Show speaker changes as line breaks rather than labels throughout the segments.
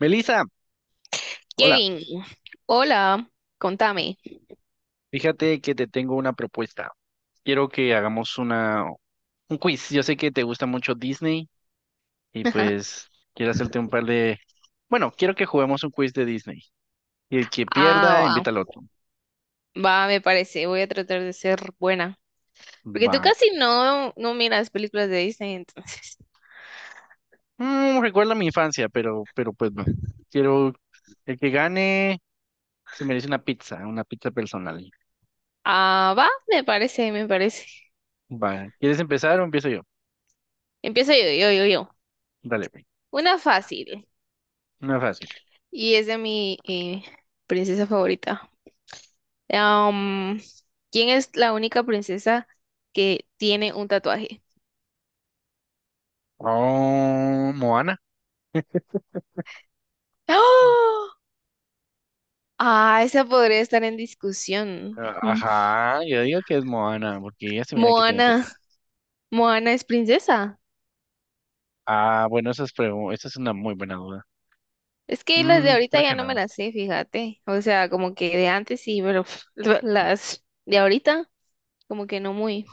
Melissa, hola,
Kevin, hola, contame.
fíjate que te tengo una propuesta. Quiero que hagamos una, un quiz. Yo sé que te gusta mucho Disney y pues quiero hacerte un par de... Bueno, quiero que juguemos un quiz de Disney. Y el que pierda,
Ah,
invita al otro.
va, va, me parece, voy a tratar de ser buena. Porque tú
Va.
casi no, no miras películas de Disney, entonces.
Recuerda mi infancia, pero pues no. Quiero el que gane se merece una pizza personal.
Ah, va, me parece, me parece.
Va. ¿Quieres empezar o empiezo yo?
Empiezo yo, yo, yo, yo.
Dale, güey.
Una fácil,
Una fácil.
y es de mi princesa favorita. Am, ¿Quién es la única princesa que tiene un tatuaje?
Oh, Moana.
¡Ah! Ah, esa podría estar en discusión.
Ah,
Mm.
ajá, yo digo que es Moana, porque ella se mira que tiene teta.
Moana, Moana es princesa.
Ah, bueno, esa es, esa es una muy buena duda.
Es que las de
Mm,
ahorita
creo que
ya no me
no.
las sé, fíjate. O sea, como que de antes sí, pero las de ahorita, como que no muy.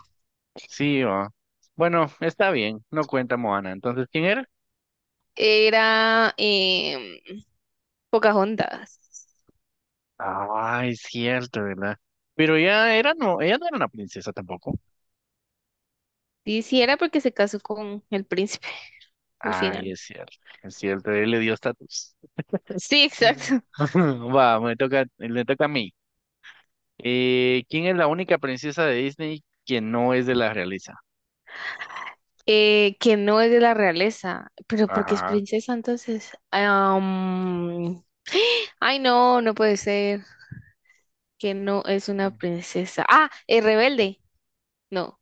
Sí, va. Bueno, está bien, no cuenta Moana. Entonces, ¿quién era?
Era Pocahontas.
Ah, es cierto, ¿verdad? Pero ella era, no, ella no era una princesa tampoco.
Sí, sí, era porque se casó con el príncipe al
Ay,
final.
es cierto, él le dio estatus.
Sí, exacto.
Va, me toca, le toca a mí. ¿Quién es la única princesa de Disney que no es de la realeza?
Que no es de la realeza, pero porque es
Ajá.
princesa, entonces. Ay, no, no puede ser que no es una princesa. Ah, es rebelde. No.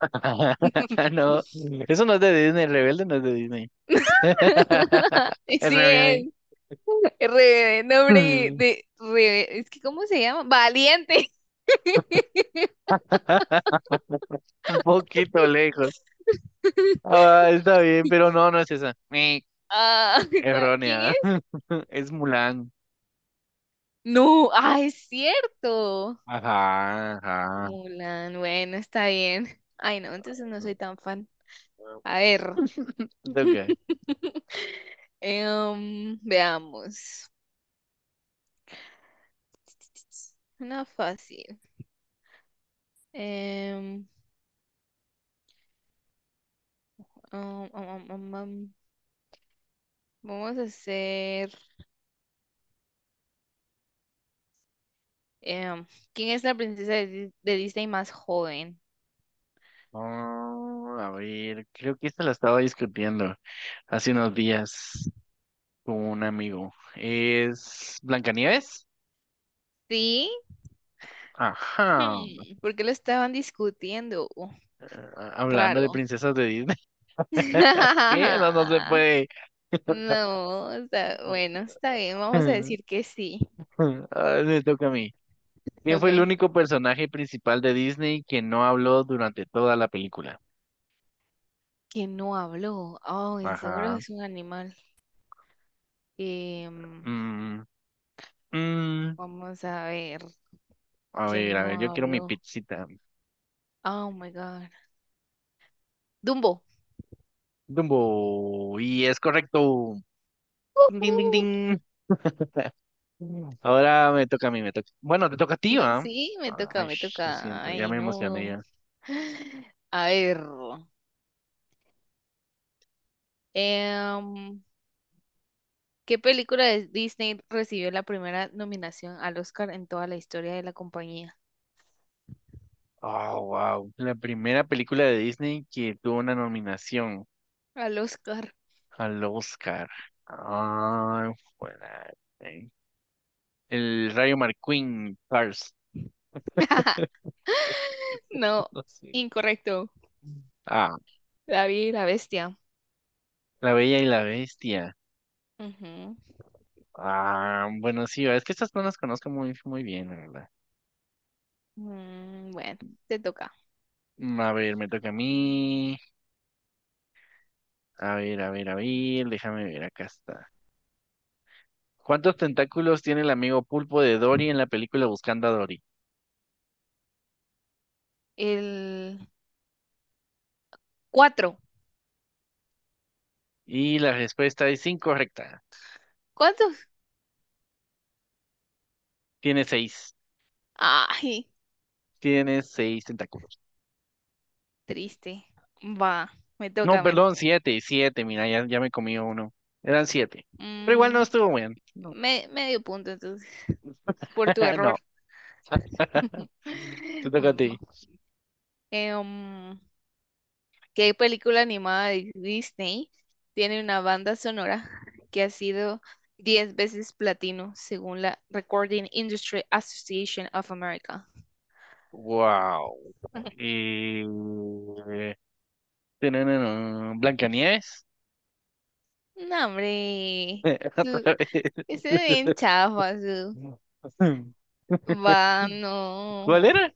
No, eso no es de Disney, el rebelde no es de Disney. El
Sí
rebelde.
es. Re, nombre
Mm.
de, re, Es que ¿cómo se llama? Valiente.
Un poquito lejos. Ah, está bien, pero no, no es esa. Ni
Ah, ¿Quién
errónea.
es?
Es Mulan.
No, ah, es cierto.
Ajá, ajá.
Mulan, bueno, está bien. Ay, no, entonces no soy tan fan. A ver,
Ok.
veamos. Una fácil. Em, um, um, um, um, um, Vamos a hacer. em, ¿Quién es la princesa de Disney más joven?
Mm, a ver, creo que esta la estaba discutiendo hace unos días con un amigo. ¿Es Blancanieves?
Sí,
Ajá.
¿por qué lo estaban discutiendo?
Ah, hablando de
Raro.
princesas de Disney. ¿Qué? No, no se puede.
No, bueno, está bien, vamos a
Ay,
decir que sí.
me toca a mí. ¿Quién fue el
Ok.
único personaje principal de Disney que no habló durante toda la película?
Que no habló. Ay, seguro
Ajá.
es un animal. Em,
Mm, mm.
Vamos a ver, que
A
no
ver, yo quiero mi
habló.
pizzita.
Oh my God. Dumbo.
Dumbo. Y es correcto. Ding, ding, ding,
Ujú.
ding. Ahora me toca a mí, me toca. Bueno, te toca a ti,
No,
¿va?
sí, me
Ah,
toca,
ay,
me
sh, lo
toca.
siento, ya
Ay,
me emocioné
no.
ya.
A ver. em, ¿Qué película de Disney recibió la primera nominación al Oscar en toda la historia de la compañía?
Oh, wow. La primera película de Disney que tuvo una nominación.
Al Oscar.
Al Oscar. Ah, fuera. eh. El Rayo Marquín, Cars.
No,
No sé.
incorrecto.
Ah,
David la bestia.
La Bella y la Bestia.
Ujú.
Ah, bueno, sí, es que estas no las conozco muy bien, la verdad.
Bueno, te toca.
A ver, me toca a mí. A ver, a ver, a ver, déjame ver, acá está. ¿Cuántos tentáculos tiene el amigo pulpo de Dory en la película Buscando a Dory?
El cuatro.
Y la respuesta es incorrecta.
¿Cuántos?
Tiene seis.
Ay,
Tiene seis tentáculos.
triste. Va, me
No,
toca.
perdón, siete, mira, ya me comí uno. Eran siete. Pero igual no
Mm,
estuvo bien. No.
Medio punto entonces, por tu
No.
error.
Te toca a
Mm,
ti.
eh, um, ¿Qué película animada de Disney tiene una banda sonora que ha sido 10 veces platino según la Recording Industry Association of America?
Wow. Y... Tanana, Blancanieves.
No, hombre.
Otra
Su,
vez.
Ese es bien chafa, su. Va,
¿Cuál
no.
era?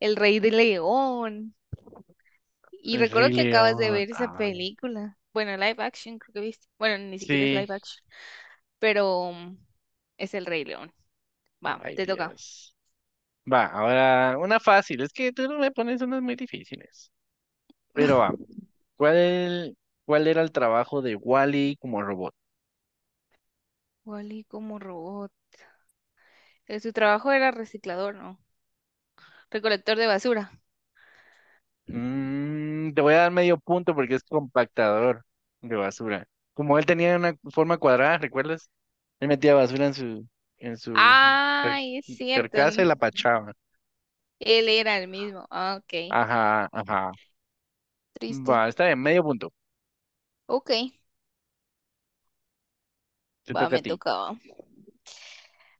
El Rey de León. Y
El Rey
recuerdo que acabas de
León.
ver esa
Ah,
película. Bueno, live action, creo que viste. Bueno, ni siquiera es
sí.
live action. Pero es el Rey León. Va,
Ay,
te toca.
Dios. Va, ahora una fácil. Es que tú no me pones unas muy difíciles. Pero va. ¿Cuál, cuál era el trabajo de Wally como robot?
Wally como robot. Su trabajo era reciclador, ¿no? Recolector de basura.
Mm, te voy a dar medio punto porque es compactador de basura. Como él tenía una forma cuadrada, ¿recuerdas? Él metía basura en su, en su car-
Ay, es cierto.
carcasa y la pachaba.
Él era el mismo. Ah, ok.
Ajá, ajá.
Triste.
Va, está bien, medio punto.
Ok.
Te
Va,
toca a
me
ti.
tocaba.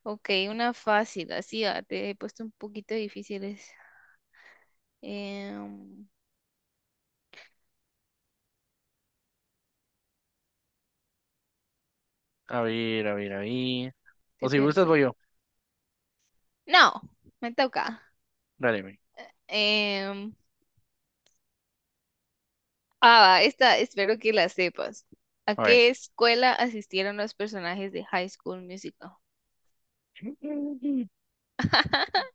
Ok, una fácil, así te he puesto un poquito difíciles. Em,
A ver, a ver, a ver. O
Estoy
si gustas,
pensando.
voy yo.
No, me toca.
Dale, ve.
Em, Va, esta espero que la sepas. ¿A
A ver.
qué escuela asistieron los personajes de High School Musical?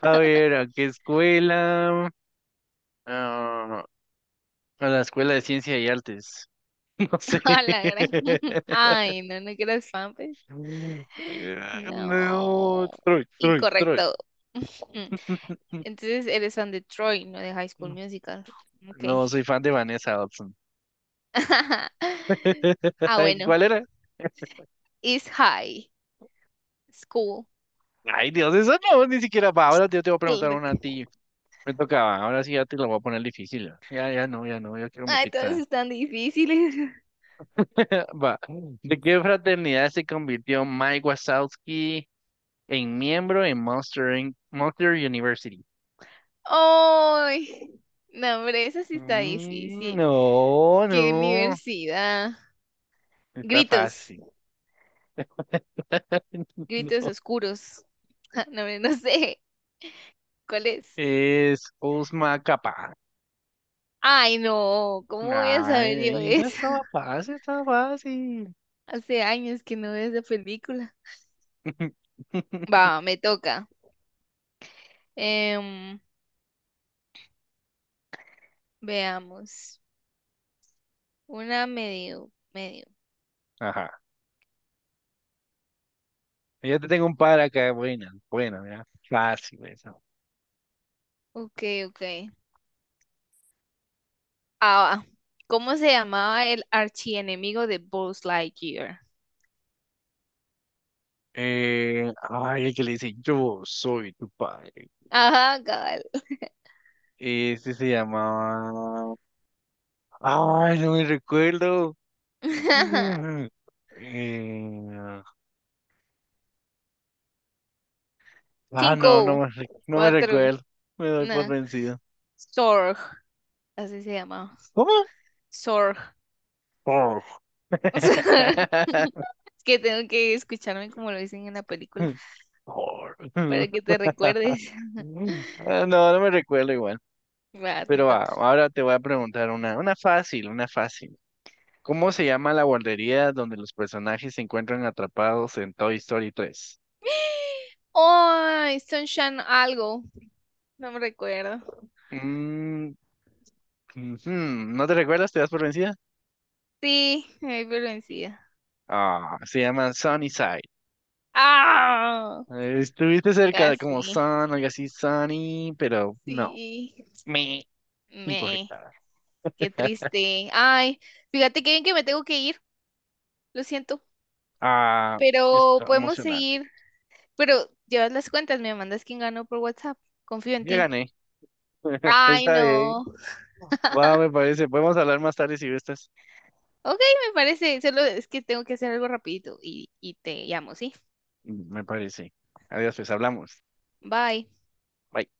A ver, ¿a qué escuela? Ah, a la Escuela de Ciencia y Artes. No sé.
A la gran. Ay, no, no que eras fan, pues.
No,
No.
Troy, Troy.
Incorrecto. Entonces eres fan de Troy, no de High School Musical. Ok.
No, soy fan de Vanessa Hudson.
Ah,
Ay,
bueno.
¿cuál era?
Is High School.
Ay, Dios, eso no, ni siquiera va. Ahora yo te voy a preguntar
Click.
una a ti. Me tocaba, ahora sí ya te lo voy a poner difícil. Ya, ya no, ya no, yo quiero mi
Ay, todas
pizza.
están difíciles.
Va. ¿De qué fraternidad se convirtió Mike Wazowski en miembro en Monster University?
Ay, no, hombre, esa sí está
Mm,
difícil.
no,
¿Qué
no,
universidad?
está
Gritos,
fácil.
Gritos
No,
oscuros. Ja, no, hombre, no sé cuál es.
es Uzmacapa.
Ay, no, ¿cómo voy a saber yo
Ay, esa
eso?
estaba fácil, estaba fácil.
Hace años que no veo esa película. Va, me toca. Em, Veamos. Una medio, medio.
Ajá. Ya te tengo un par acá, buena, buena, mira. Fácil eso.
Ok, ok. Ah, va. ¿Cómo se llamaba el archienemigo de Buzz Lightyear?
Ay, el que le dice, yo soy tu padre.
Ajá, cabal.
Este se llamaba... Ay, no me recuerdo. Mm, Eh, Ah, no,
Cinco,
no me
cuatro,
recuerdo. Me doy por
no.
vencido.
Sorg, así se llamaba.
¿Cómo?
Sorg.
Por.
Es que tengo que escucharme como lo dicen en la película
Por.
para que te recuerdes.
Ah, no, no me recuerdo igual.
Va, te
Pero va,
toca.
ahora te voy a preguntar una fácil, una fácil. ¿Cómo se llama la guardería donde los personajes se encuentran atrapados en Toy Story 3?
Ay, Sunshine algo. No me recuerdo.
Mm, ujú, ¿no te recuerdas? ¿Te das por vencida?
Sí, me di por vencida.
Ah, se llama Sunnyside.
¡Ah!
Estuviste cerca como Sun,
Casi.
algo así, Sunny, pero no.
Sí. Sí,
Me,
me.
incorrecta.
Qué triste. Ay, fíjate que bien que me tengo que ir. Lo siento.
Ah,
Pero
esto
podemos
emocionante.
seguir. Pero llevas las cuentas, me mandas quién ganó por WhatsApp. Confío en
Ya
ti.
gané.
Ay,
Está bien.
no.
Va, me parece. Podemos hablar más tarde si gustas.
Ok, me parece. Solo es que tengo que hacer algo rapidito y te llamo, ¿sí?
Mm, me parece. Adiós, pues hablamos.
Bye.
Bye.